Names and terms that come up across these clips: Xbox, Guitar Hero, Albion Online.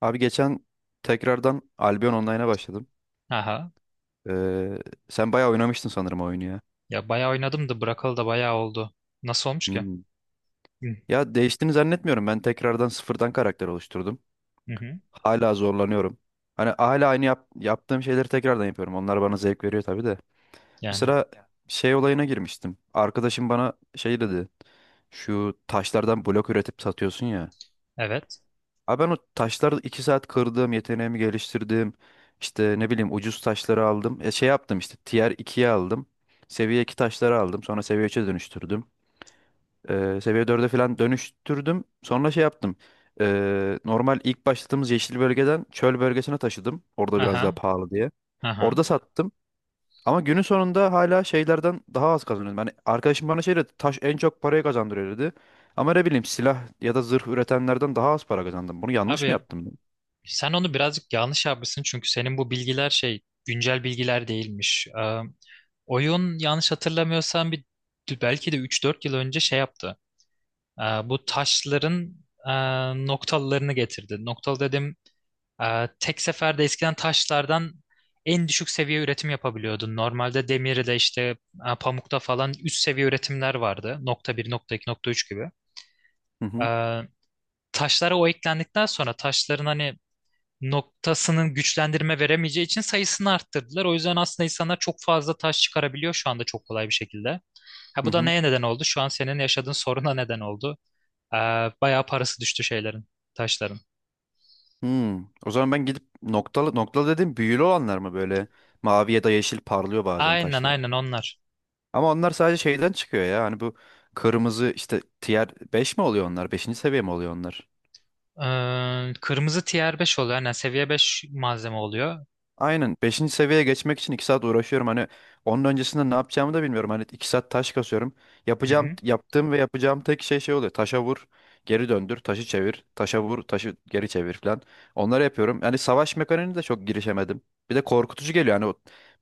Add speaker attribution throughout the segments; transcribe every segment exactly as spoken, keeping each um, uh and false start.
Speaker 1: Abi geçen tekrardan Albion Online'a başladım.
Speaker 2: Aha.
Speaker 1: Ee, Sen bayağı oynamıştın sanırım o oyunu ya.
Speaker 2: Ya bayağı oynadım da bırakalı da bayağı oldu. Nasıl olmuş ki?
Speaker 1: Hmm.
Speaker 2: Hı
Speaker 1: Ya değiştiğini zannetmiyorum. Ben tekrardan sıfırdan karakter oluşturdum.
Speaker 2: hı. hı.
Speaker 1: Hala zorlanıyorum. Hani hala aynı yap- yaptığım şeyleri tekrardan yapıyorum. Onlar bana zevk veriyor tabii de.
Speaker 2: Yani,
Speaker 1: Mesela şey olayına girmiştim. Arkadaşım bana şey dedi. Şu taşlardan blok üretip satıyorsun ya.
Speaker 2: evet.
Speaker 1: Abi ben o taşları iki saat kırdım, yeteneğimi geliştirdim. İşte ne bileyim ucuz taşları aldım. E, şey yaptım işte tier ikiye aldım. Seviye iki taşları aldım. Sonra seviye üç'e dönüştürdüm. E, seviye dörde falan dönüştürdüm. Sonra şey yaptım. E, normal ilk başladığımız yeşil bölgeden çöl bölgesine taşıdım. Orada biraz daha
Speaker 2: Aha.
Speaker 1: pahalı diye.
Speaker 2: Aha.
Speaker 1: Orada sattım. Ama günün sonunda hala şeylerden daha az kazanıyordum. Yani arkadaşım bana şey dedi, taş en çok parayı kazandırıyor dedi. Ama ne bileyim silah ya da zırh üretenlerden daha az para kazandım. Bunu yanlış mı
Speaker 2: Abi
Speaker 1: yaptım?
Speaker 2: sen onu birazcık yanlış yapmışsın, çünkü senin bu bilgiler şey, güncel bilgiler değilmiş. Ee, oyun yanlış hatırlamıyorsam bir, belki de üç dört yıl önce şey yaptı. Ee, bu taşların e, noktalarını getirdi. Noktalı dedim Ee, tek seferde eskiden taşlardan en düşük seviye üretim yapabiliyordun. Normalde demirde işte e, pamukta falan üst seviye üretimler vardı. Nokta bir, nokta iki, nokta üç gibi.
Speaker 1: Hı hı.
Speaker 2: Ee, taşlara o eklendikten sonra, taşların hani noktasının güçlendirme veremeyeceği için sayısını arttırdılar. O yüzden aslında insanlar çok fazla taş çıkarabiliyor şu anda, çok kolay bir şekilde. Ha,
Speaker 1: Hı
Speaker 2: bu da
Speaker 1: hı.
Speaker 2: neye neden oldu? Şu an senin yaşadığın soruna neden oldu. Ee, bayağı parası düştü şeylerin, taşların.
Speaker 1: Hmm. O zaman ben gidip noktalı noktalı dedim, büyülü olanlar mı böyle mavi ya da yeşil parlıyor bazen
Speaker 2: Aynen,
Speaker 1: taşlar.
Speaker 2: aynen onlar.
Speaker 1: Ama onlar sadece şeyden çıkıyor ya. Hani bu kırmızı işte tier beş mi oluyor onlar? Beşinci seviye mi oluyor onlar?
Speaker 2: Ee, kırmızı tier beş oluyor. Yani seviye beş malzeme oluyor.
Speaker 1: Aynen. Beşinci seviyeye geçmek için iki saat uğraşıyorum. Hani onun öncesinde ne yapacağımı da bilmiyorum. Hani iki saat taş kasıyorum.
Speaker 2: Hı
Speaker 1: Yapacağım,
Speaker 2: hı.
Speaker 1: yaptığım ve yapacağım tek şey şey oluyor. Taşa vur, geri döndür, taşı çevir, taşa vur, taşı geri çevir falan. Onları yapıyorum. Yani savaş mekaniğine de çok girişemedim. Bir de korkutucu geliyor. Hani o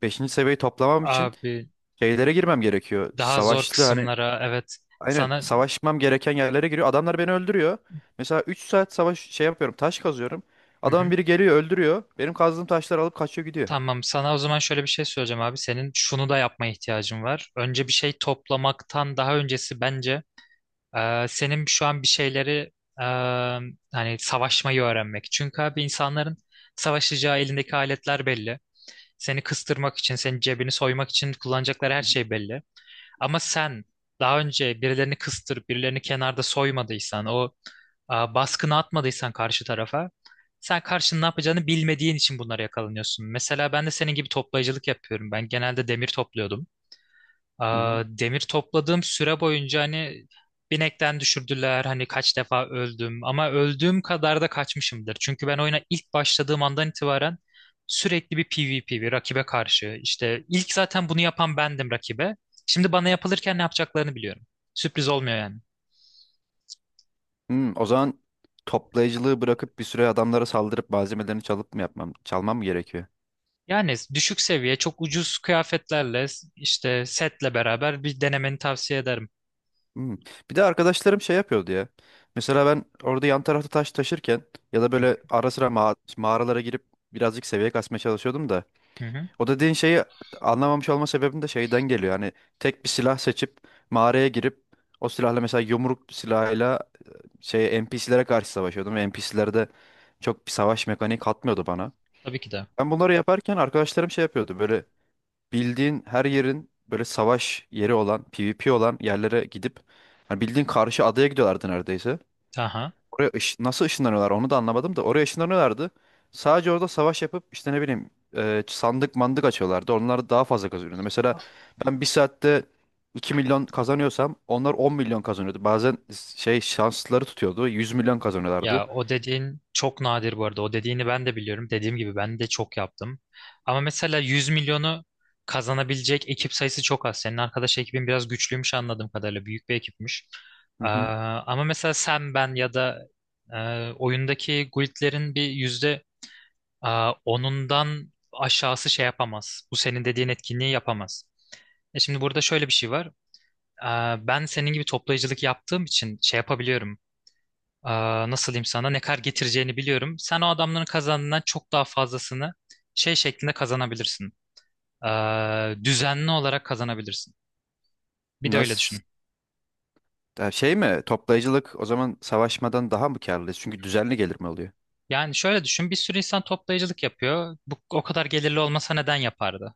Speaker 1: beşinci seviyeyi toplamam için
Speaker 2: Abi,
Speaker 1: şeylere girmem gerekiyor.
Speaker 2: daha zor
Speaker 1: Savaşlı hani
Speaker 2: kısımlara. Evet,
Speaker 1: aynen
Speaker 2: sana.
Speaker 1: savaşmam gereken yerlere giriyor. Adamlar beni öldürüyor. Mesela üç saat savaş şey yapıyorum. Taş kazıyorum.
Speaker 2: Hı
Speaker 1: Adamın
Speaker 2: hı.
Speaker 1: biri geliyor öldürüyor. Benim kazdığım taşları alıp kaçıyor gidiyor.
Speaker 2: Tamam, sana o zaman şöyle bir şey söyleyeceğim abi. Senin şunu da yapmaya ihtiyacın var. Önce bir şey toplamaktan daha öncesi, bence e, senin şu an bir şeyleri e, hani savaşmayı öğrenmek. Çünkü abi, insanların savaşacağı elindeki aletler belli. Seni kıstırmak için, senin cebini soymak için kullanacakları her şey belli. Ama sen daha önce birilerini kıstırıp birilerini kenarda soymadıysan, o a, baskını atmadıysan karşı tarafa, sen karşının ne yapacağını bilmediğin için bunlara yakalanıyorsun. Mesela ben de senin gibi toplayıcılık yapıyorum. Ben genelde demir topluyordum.
Speaker 1: Hı hı.
Speaker 2: Aa, demir topladığım süre boyunca, hani binekten düşürdüler, hani kaç defa öldüm, ama öldüğüm kadar da kaçmışımdır. Çünkü ben oyuna ilk başladığım andan itibaren sürekli bir P V P, bir rakibe karşı, işte ilk zaten bunu yapan bendim rakibe. Şimdi bana yapılırken ne yapacaklarını biliyorum. Sürpriz olmuyor yani.
Speaker 1: Hmm, o zaman toplayıcılığı bırakıp bir süre adamlara saldırıp malzemelerini çalıp mı yapmam, çalmam mı gerekiyor?
Speaker 2: Yani düşük seviye çok ucuz kıyafetlerle, işte setle beraber bir denemeni tavsiye ederim.
Speaker 1: Hmm. Bir de arkadaşlarım şey yapıyordu ya. Mesela ben orada yan tarafta taş taşırken ya da
Speaker 2: Hı
Speaker 1: böyle ara sıra ma- mağaralara girip birazcık seviye kasmaya çalışıyordum da.
Speaker 2: hı. Hı hı.
Speaker 1: O dediğin şeyi anlamamış olma sebebim de şeyden geliyor. Hani tek bir silah seçip mağaraya girip o silahla, mesela yumruk silahıyla, şey N P C'lere karşı savaşıyordum ve N P C'ler de çok bir savaş mekaniği katmıyordu bana.
Speaker 2: Tabii ki de.
Speaker 1: Ben bunları yaparken arkadaşlarım şey yapıyordu. Böyle bildiğin her yerin böyle savaş yeri olan, PvP olan yerlere gidip hani bildiğin karşı adaya gidiyorlardı neredeyse.
Speaker 2: Aha.
Speaker 1: Oraya ış- nasıl ışınlanıyorlar onu da anlamadım da oraya ışınlanıyorlardı. Sadece orada savaş yapıp işte ne bileyim e, sandık mandık açıyorlardı. Onlar daha fazla kazanıyordu. Mesela ben bir saatte iki milyon kazanıyorsam onlar on milyon kazanıyordu. Bazen şey şansları tutuyordu, yüz milyon kazanıyorlardı.
Speaker 2: Ya, o dediğin çok nadir bu arada. O dediğini ben de biliyorum. Dediğim gibi, ben de çok yaptım. Ama mesela yüz milyonu kazanabilecek ekip sayısı çok az. Senin arkadaş ekibin biraz güçlüymüş anladığım kadarıyla. Büyük bir ekipmiş.
Speaker 1: Hı
Speaker 2: Ee,
Speaker 1: hı.
Speaker 2: ama mesela sen, ben ya da e, oyundaki guildlerin bir yüzde e, onundan aşağısı şey yapamaz. Bu senin dediğin etkinliği yapamaz. E şimdi burada şöyle bir şey var. Ee, ben senin gibi toplayıcılık yaptığım için şey yapabiliyorum. Aa, nasıl diyeyim, sana ne kadar getireceğini biliyorum. Sen o adamların kazandığından çok daha fazlasını şey şeklinde kazanabilirsin. Aa, düzenli olarak kazanabilirsin. Bir de öyle
Speaker 1: Nasıl?
Speaker 2: düşün.
Speaker 1: Ya şey mi? Toplayıcılık o zaman savaşmadan daha mı karlı? Çünkü düzenli gelir mi oluyor?
Speaker 2: Yani şöyle düşün, bir sürü insan toplayıcılık yapıyor. Bu o kadar gelirli olmasa neden yapardı?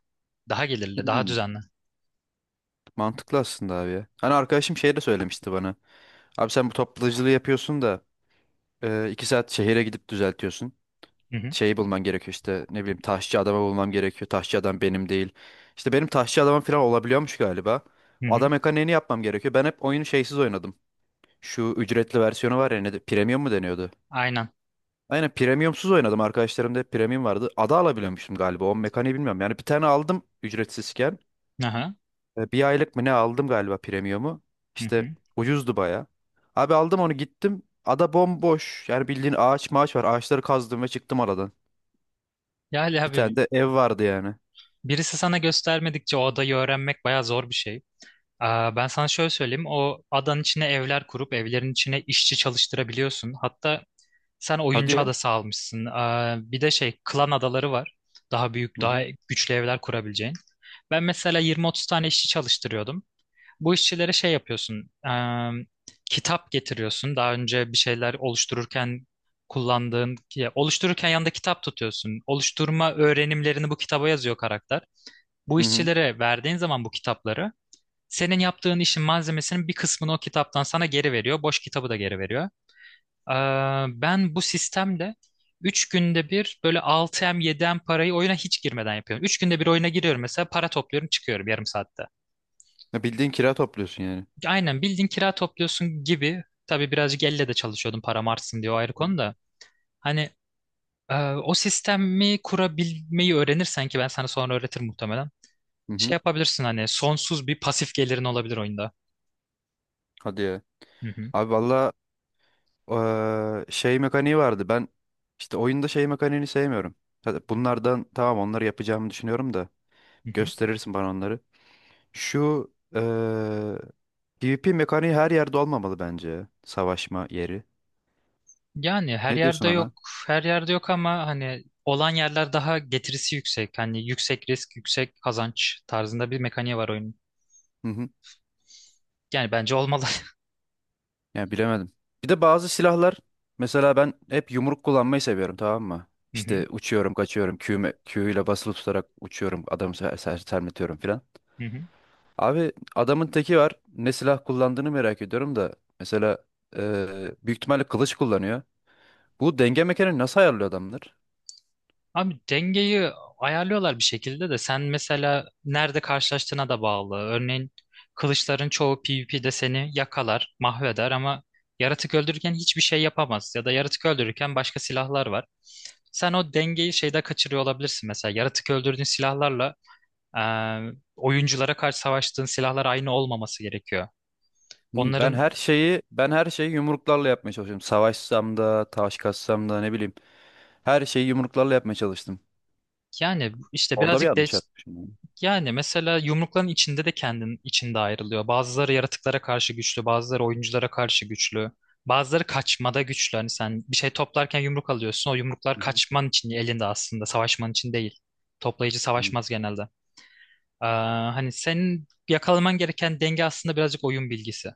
Speaker 2: Daha gelirli, daha
Speaker 1: Hmm,
Speaker 2: düzenli.
Speaker 1: Mantıklı aslında abi ya. Hani arkadaşım şey de söylemişti bana. Abi sen bu toplayıcılığı yapıyorsun da e, iki saat şehire gidip düzeltiyorsun.
Speaker 2: Hı hı,
Speaker 1: Şeyi bulman gerekiyor, işte ne bileyim taşçı adamı bulmam gerekiyor. Taşçı adam benim değil. İşte benim taşçı adamım falan olabiliyormuş galiba.
Speaker 2: hı
Speaker 1: O
Speaker 2: hı.
Speaker 1: adam mekaniğini yapmam gerekiyor. Ben hep oyunu şeysiz oynadım. Şu ücretli versiyonu var ya, ne de, premium mu deniyordu?
Speaker 2: Aynen.
Speaker 1: Aynen, premiumsuz oynadım. Arkadaşlarımda hep premium vardı. Ada alabiliyormuşum galiba. O mekaniği bilmiyorum. Yani bir tane aldım ücretsizken.
Speaker 2: Aha,
Speaker 1: E, bir aylık mı ne aldım galiba premiumu.
Speaker 2: hı
Speaker 1: İşte
Speaker 2: hı.
Speaker 1: ucuzdu baya. Abi aldım onu gittim. Ada bomboş. Yani bildiğin ağaç maaş var. Ağaçları kazdım ve çıktım aradan.
Speaker 2: Yani
Speaker 1: Bir tane
Speaker 2: abi,
Speaker 1: de ev vardı yani.
Speaker 2: birisi sana göstermedikçe o adayı öğrenmek bayağı zor bir şey. Aa, ben sana şöyle söyleyeyim. O adanın içine evler kurup evlerin içine işçi çalıştırabiliyorsun. Hatta sen
Speaker 1: Hadi
Speaker 2: oyuncu
Speaker 1: ya.
Speaker 2: adası almışsın. Ee, bir de şey, klan adaları var. Daha büyük,
Speaker 1: Hı
Speaker 2: daha
Speaker 1: hı.
Speaker 2: güçlü evler kurabileceğin. Ben mesela yirmi otuz tane işçi çalıştırıyordum. Bu işçilere şey yapıyorsun. e, kitap getiriyorsun. Daha önce bir şeyler oluştururken kullandığın, ya oluştururken yanında kitap tutuyorsun. Oluşturma öğrenimlerini bu kitaba yazıyor karakter. Bu
Speaker 1: Hı hı.
Speaker 2: işçilere verdiğin zaman bu kitapları, senin yaptığın işin malzemesinin bir kısmını o kitaptan sana geri veriyor. Boş kitabı da geri veriyor. Ee, ben bu sistemle üç günde bir böyle altı milyon yedi milyon parayı oyuna hiç girmeden yapıyorum. Üç günde bir oyuna giriyorum mesela, para topluyorum, çıkıyorum yarım saatte.
Speaker 1: Ya bildiğin kira topluyorsun yani.
Speaker 2: Aynen bildiğin kira topluyorsun gibi. Tabii birazcık elle de çalışıyordum param artsın diye, o ayrı
Speaker 1: Hı hı.
Speaker 2: konu da. Hani e, o sistemi kurabilmeyi öğrenirsen, ki ben sana sonra öğretirim muhtemelen.
Speaker 1: Hı hı.
Speaker 2: Şey yapabilirsin, hani sonsuz bir pasif gelirin olabilir oyunda.
Speaker 1: Hadi ya.
Speaker 2: Hı hı.
Speaker 1: Abi valla eee, şey mekaniği vardı. Ben işte oyunda şey mekaniğini sevmiyorum. Hadi bunlardan tamam, onları yapacağımı düşünüyorum da.
Speaker 2: Hı hı.
Speaker 1: Gösterirsin bana onları. Şu eee, PvP mekaniği her yerde olmamalı bence. Ya, savaşma yeri.
Speaker 2: Yani her
Speaker 1: Ne diyorsun
Speaker 2: yerde yok,
Speaker 1: ona?
Speaker 2: her yerde yok, ama hani olan yerler daha getirisi yüksek. Hani yüksek risk, yüksek kazanç tarzında bir mekaniği var oyunun.
Speaker 1: Hı hı.
Speaker 2: Yani bence olmalı.
Speaker 1: Yani bilemedim. Bir de bazı silahlar, mesela ben hep yumruk kullanmayı seviyorum, tamam mı?
Speaker 2: Hı hı,
Speaker 1: İşte uçuyorum, kaçıyorum, Q'me, Q ile basılı tutarak uçuyorum, adamı ser ser- sermetiyorum filan.
Speaker 2: hı hı.
Speaker 1: Abi adamın teki var. Ne silah kullandığını merak ediyorum da mesela eee, büyük ihtimalle kılıç kullanıyor. Bu denge mekanı nasıl ayarlıyor adamlar?
Speaker 2: Abi dengeyi ayarlıyorlar bir şekilde, de sen mesela nerede karşılaştığına da bağlı. Örneğin kılıçların çoğu P V P'de seni yakalar, mahveder, ama yaratık öldürürken hiçbir şey yapamaz. Ya da yaratık öldürürken başka silahlar var. Sen o dengeyi şeyde kaçırıyor olabilirsin mesela. Yaratık öldürdüğün silahlarla Ee, oyunculara karşı savaştığın silahlar aynı olmaması gerekiyor.
Speaker 1: Hmm, Ben
Speaker 2: Onların
Speaker 1: her şeyi ben her şeyi yumruklarla yapmaya çalışıyorum. Savaşsam da, taş kassam da ne bileyim. Her şeyi yumruklarla yapmaya çalıştım.
Speaker 2: yani işte
Speaker 1: Orada bir
Speaker 2: birazcık de,
Speaker 1: yanlış yapmışım yani.
Speaker 2: yani mesela yumrukların içinde de kendin içinde ayrılıyor. Bazıları yaratıklara karşı güçlü, bazıları oyunculara karşı güçlü. Bazıları kaçmada güçlü. Hani sen bir şey toplarken yumruk alıyorsun. O yumruklar
Speaker 1: Hı
Speaker 2: kaçman için elinde aslında, savaşman için değil. Toplayıcı
Speaker 1: hı.
Speaker 2: savaşmaz genelde. Ee, hani senin yakalaman gereken denge aslında birazcık oyun bilgisi.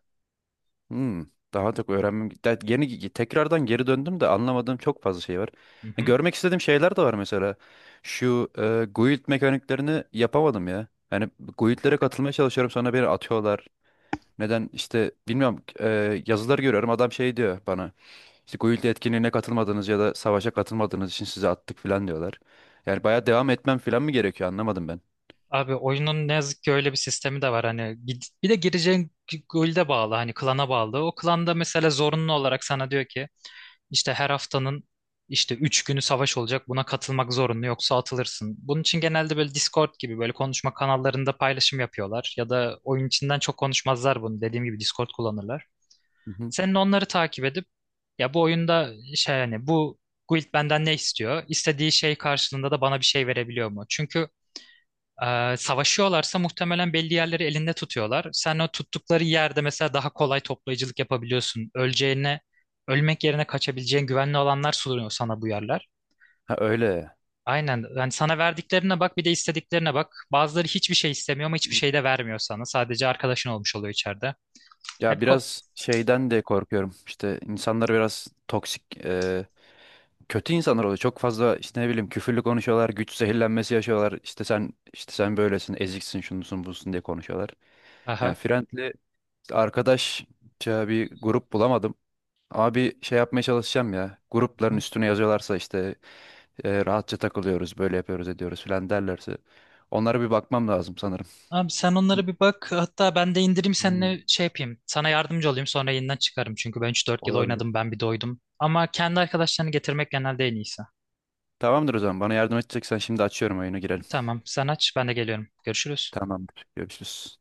Speaker 1: Hmm, Daha çok öğrenmem. de- Yeni tekrardan geri döndüm de anlamadığım çok fazla şey var.
Speaker 2: Hı
Speaker 1: Ha,
Speaker 2: hı.
Speaker 1: görmek istediğim şeyler de var mesela. Şu e, guild mekaniklerini yapamadım ya. Yani guildlere katılmaya çalışıyorum sonra beni atıyorlar. Neden işte bilmiyorum, e, yazılar görüyorum, adam şey diyor bana. İşte guild etkinliğine katılmadınız ya da savaşa katılmadığınız için sizi attık falan diyorlar. Yani bayağı devam etmem falan mı gerekiyor, anlamadım ben.
Speaker 2: Abi, oyunun ne yazık ki öyle bir sistemi de var, hani gid- bir de gireceğin guild'e bağlı, hani klana bağlı. O klanda mesela zorunlu olarak sana diyor ki, işte her haftanın işte üç günü savaş olacak, buna katılmak zorunlu yoksa atılırsın. Bunun için genelde böyle Discord gibi böyle konuşma kanallarında paylaşım yapıyorlar, ya da oyun içinden çok konuşmazlar bunu, dediğim gibi Discord kullanırlar.
Speaker 1: Hı hı.
Speaker 2: Senin onları takip edip, ya bu oyunda şey, hani bu guild benden ne istiyor? İstediği şey karşılığında da bana bir şey verebiliyor mu? Çünkü ee, savaşıyorlarsa muhtemelen belli yerleri elinde tutuyorlar. Sen o tuttukları yerde mesela daha kolay toplayıcılık yapabiliyorsun. Öleceğine, ölmek yerine kaçabileceğin güvenli alanlar sunuyor sana bu yerler.
Speaker 1: Ha öyle.
Speaker 2: Aynen. Yani sana verdiklerine bak, bir de istediklerine bak. Bazıları hiçbir şey istemiyor ama hiçbir şey de vermiyor sana. Sadece arkadaşın olmuş oluyor içeride. Ya
Speaker 1: Ya
Speaker 2: bir ko-.
Speaker 1: biraz şeyden de korkuyorum. İşte insanlar biraz toksik, e, kötü insanlar oluyor. Çok fazla işte ne bileyim küfürlü konuşuyorlar, güç zehirlenmesi yaşıyorlar. İşte sen, işte sen böylesin, eziksin, şunusun, busun diye konuşuyorlar. Yani
Speaker 2: Aha.
Speaker 1: friendly, arkadaşça bir grup bulamadım. Ama bir şey yapmaya çalışacağım ya.
Speaker 2: Hı
Speaker 1: Grupların
Speaker 2: hı.
Speaker 1: üstüne yazıyorlarsa işte e, rahatça takılıyoruz, böyle yapıyoruz, ediyoruz falan derlerse onlara bir bakmam lazım sanırım.
Speaker 2: Abi sen onlara bir bak. Hatta ben de indireyim,
Speaker 1: Hmm.
Speaker 2: seninle şey yapayım. Sana yardımcı olayım, sonra yeniden çıkarım. Çünkü ben üç dört yıl
Speaker 1: Olabilir.
Speaker 2: oynadım, ben bir doydum. Ama kendi arkadaşlarını getirmek genelde en iyisi.
Speaker 1: Tamamdır o zaman. Bana yardım edeceksen şimdi açıyorum oyunu, girelim.
Speaker 2: Tamam, sen aç, ben de geliyorum. Görüşürüz.
Speaker 1: Tamamdır. Görüşürüz.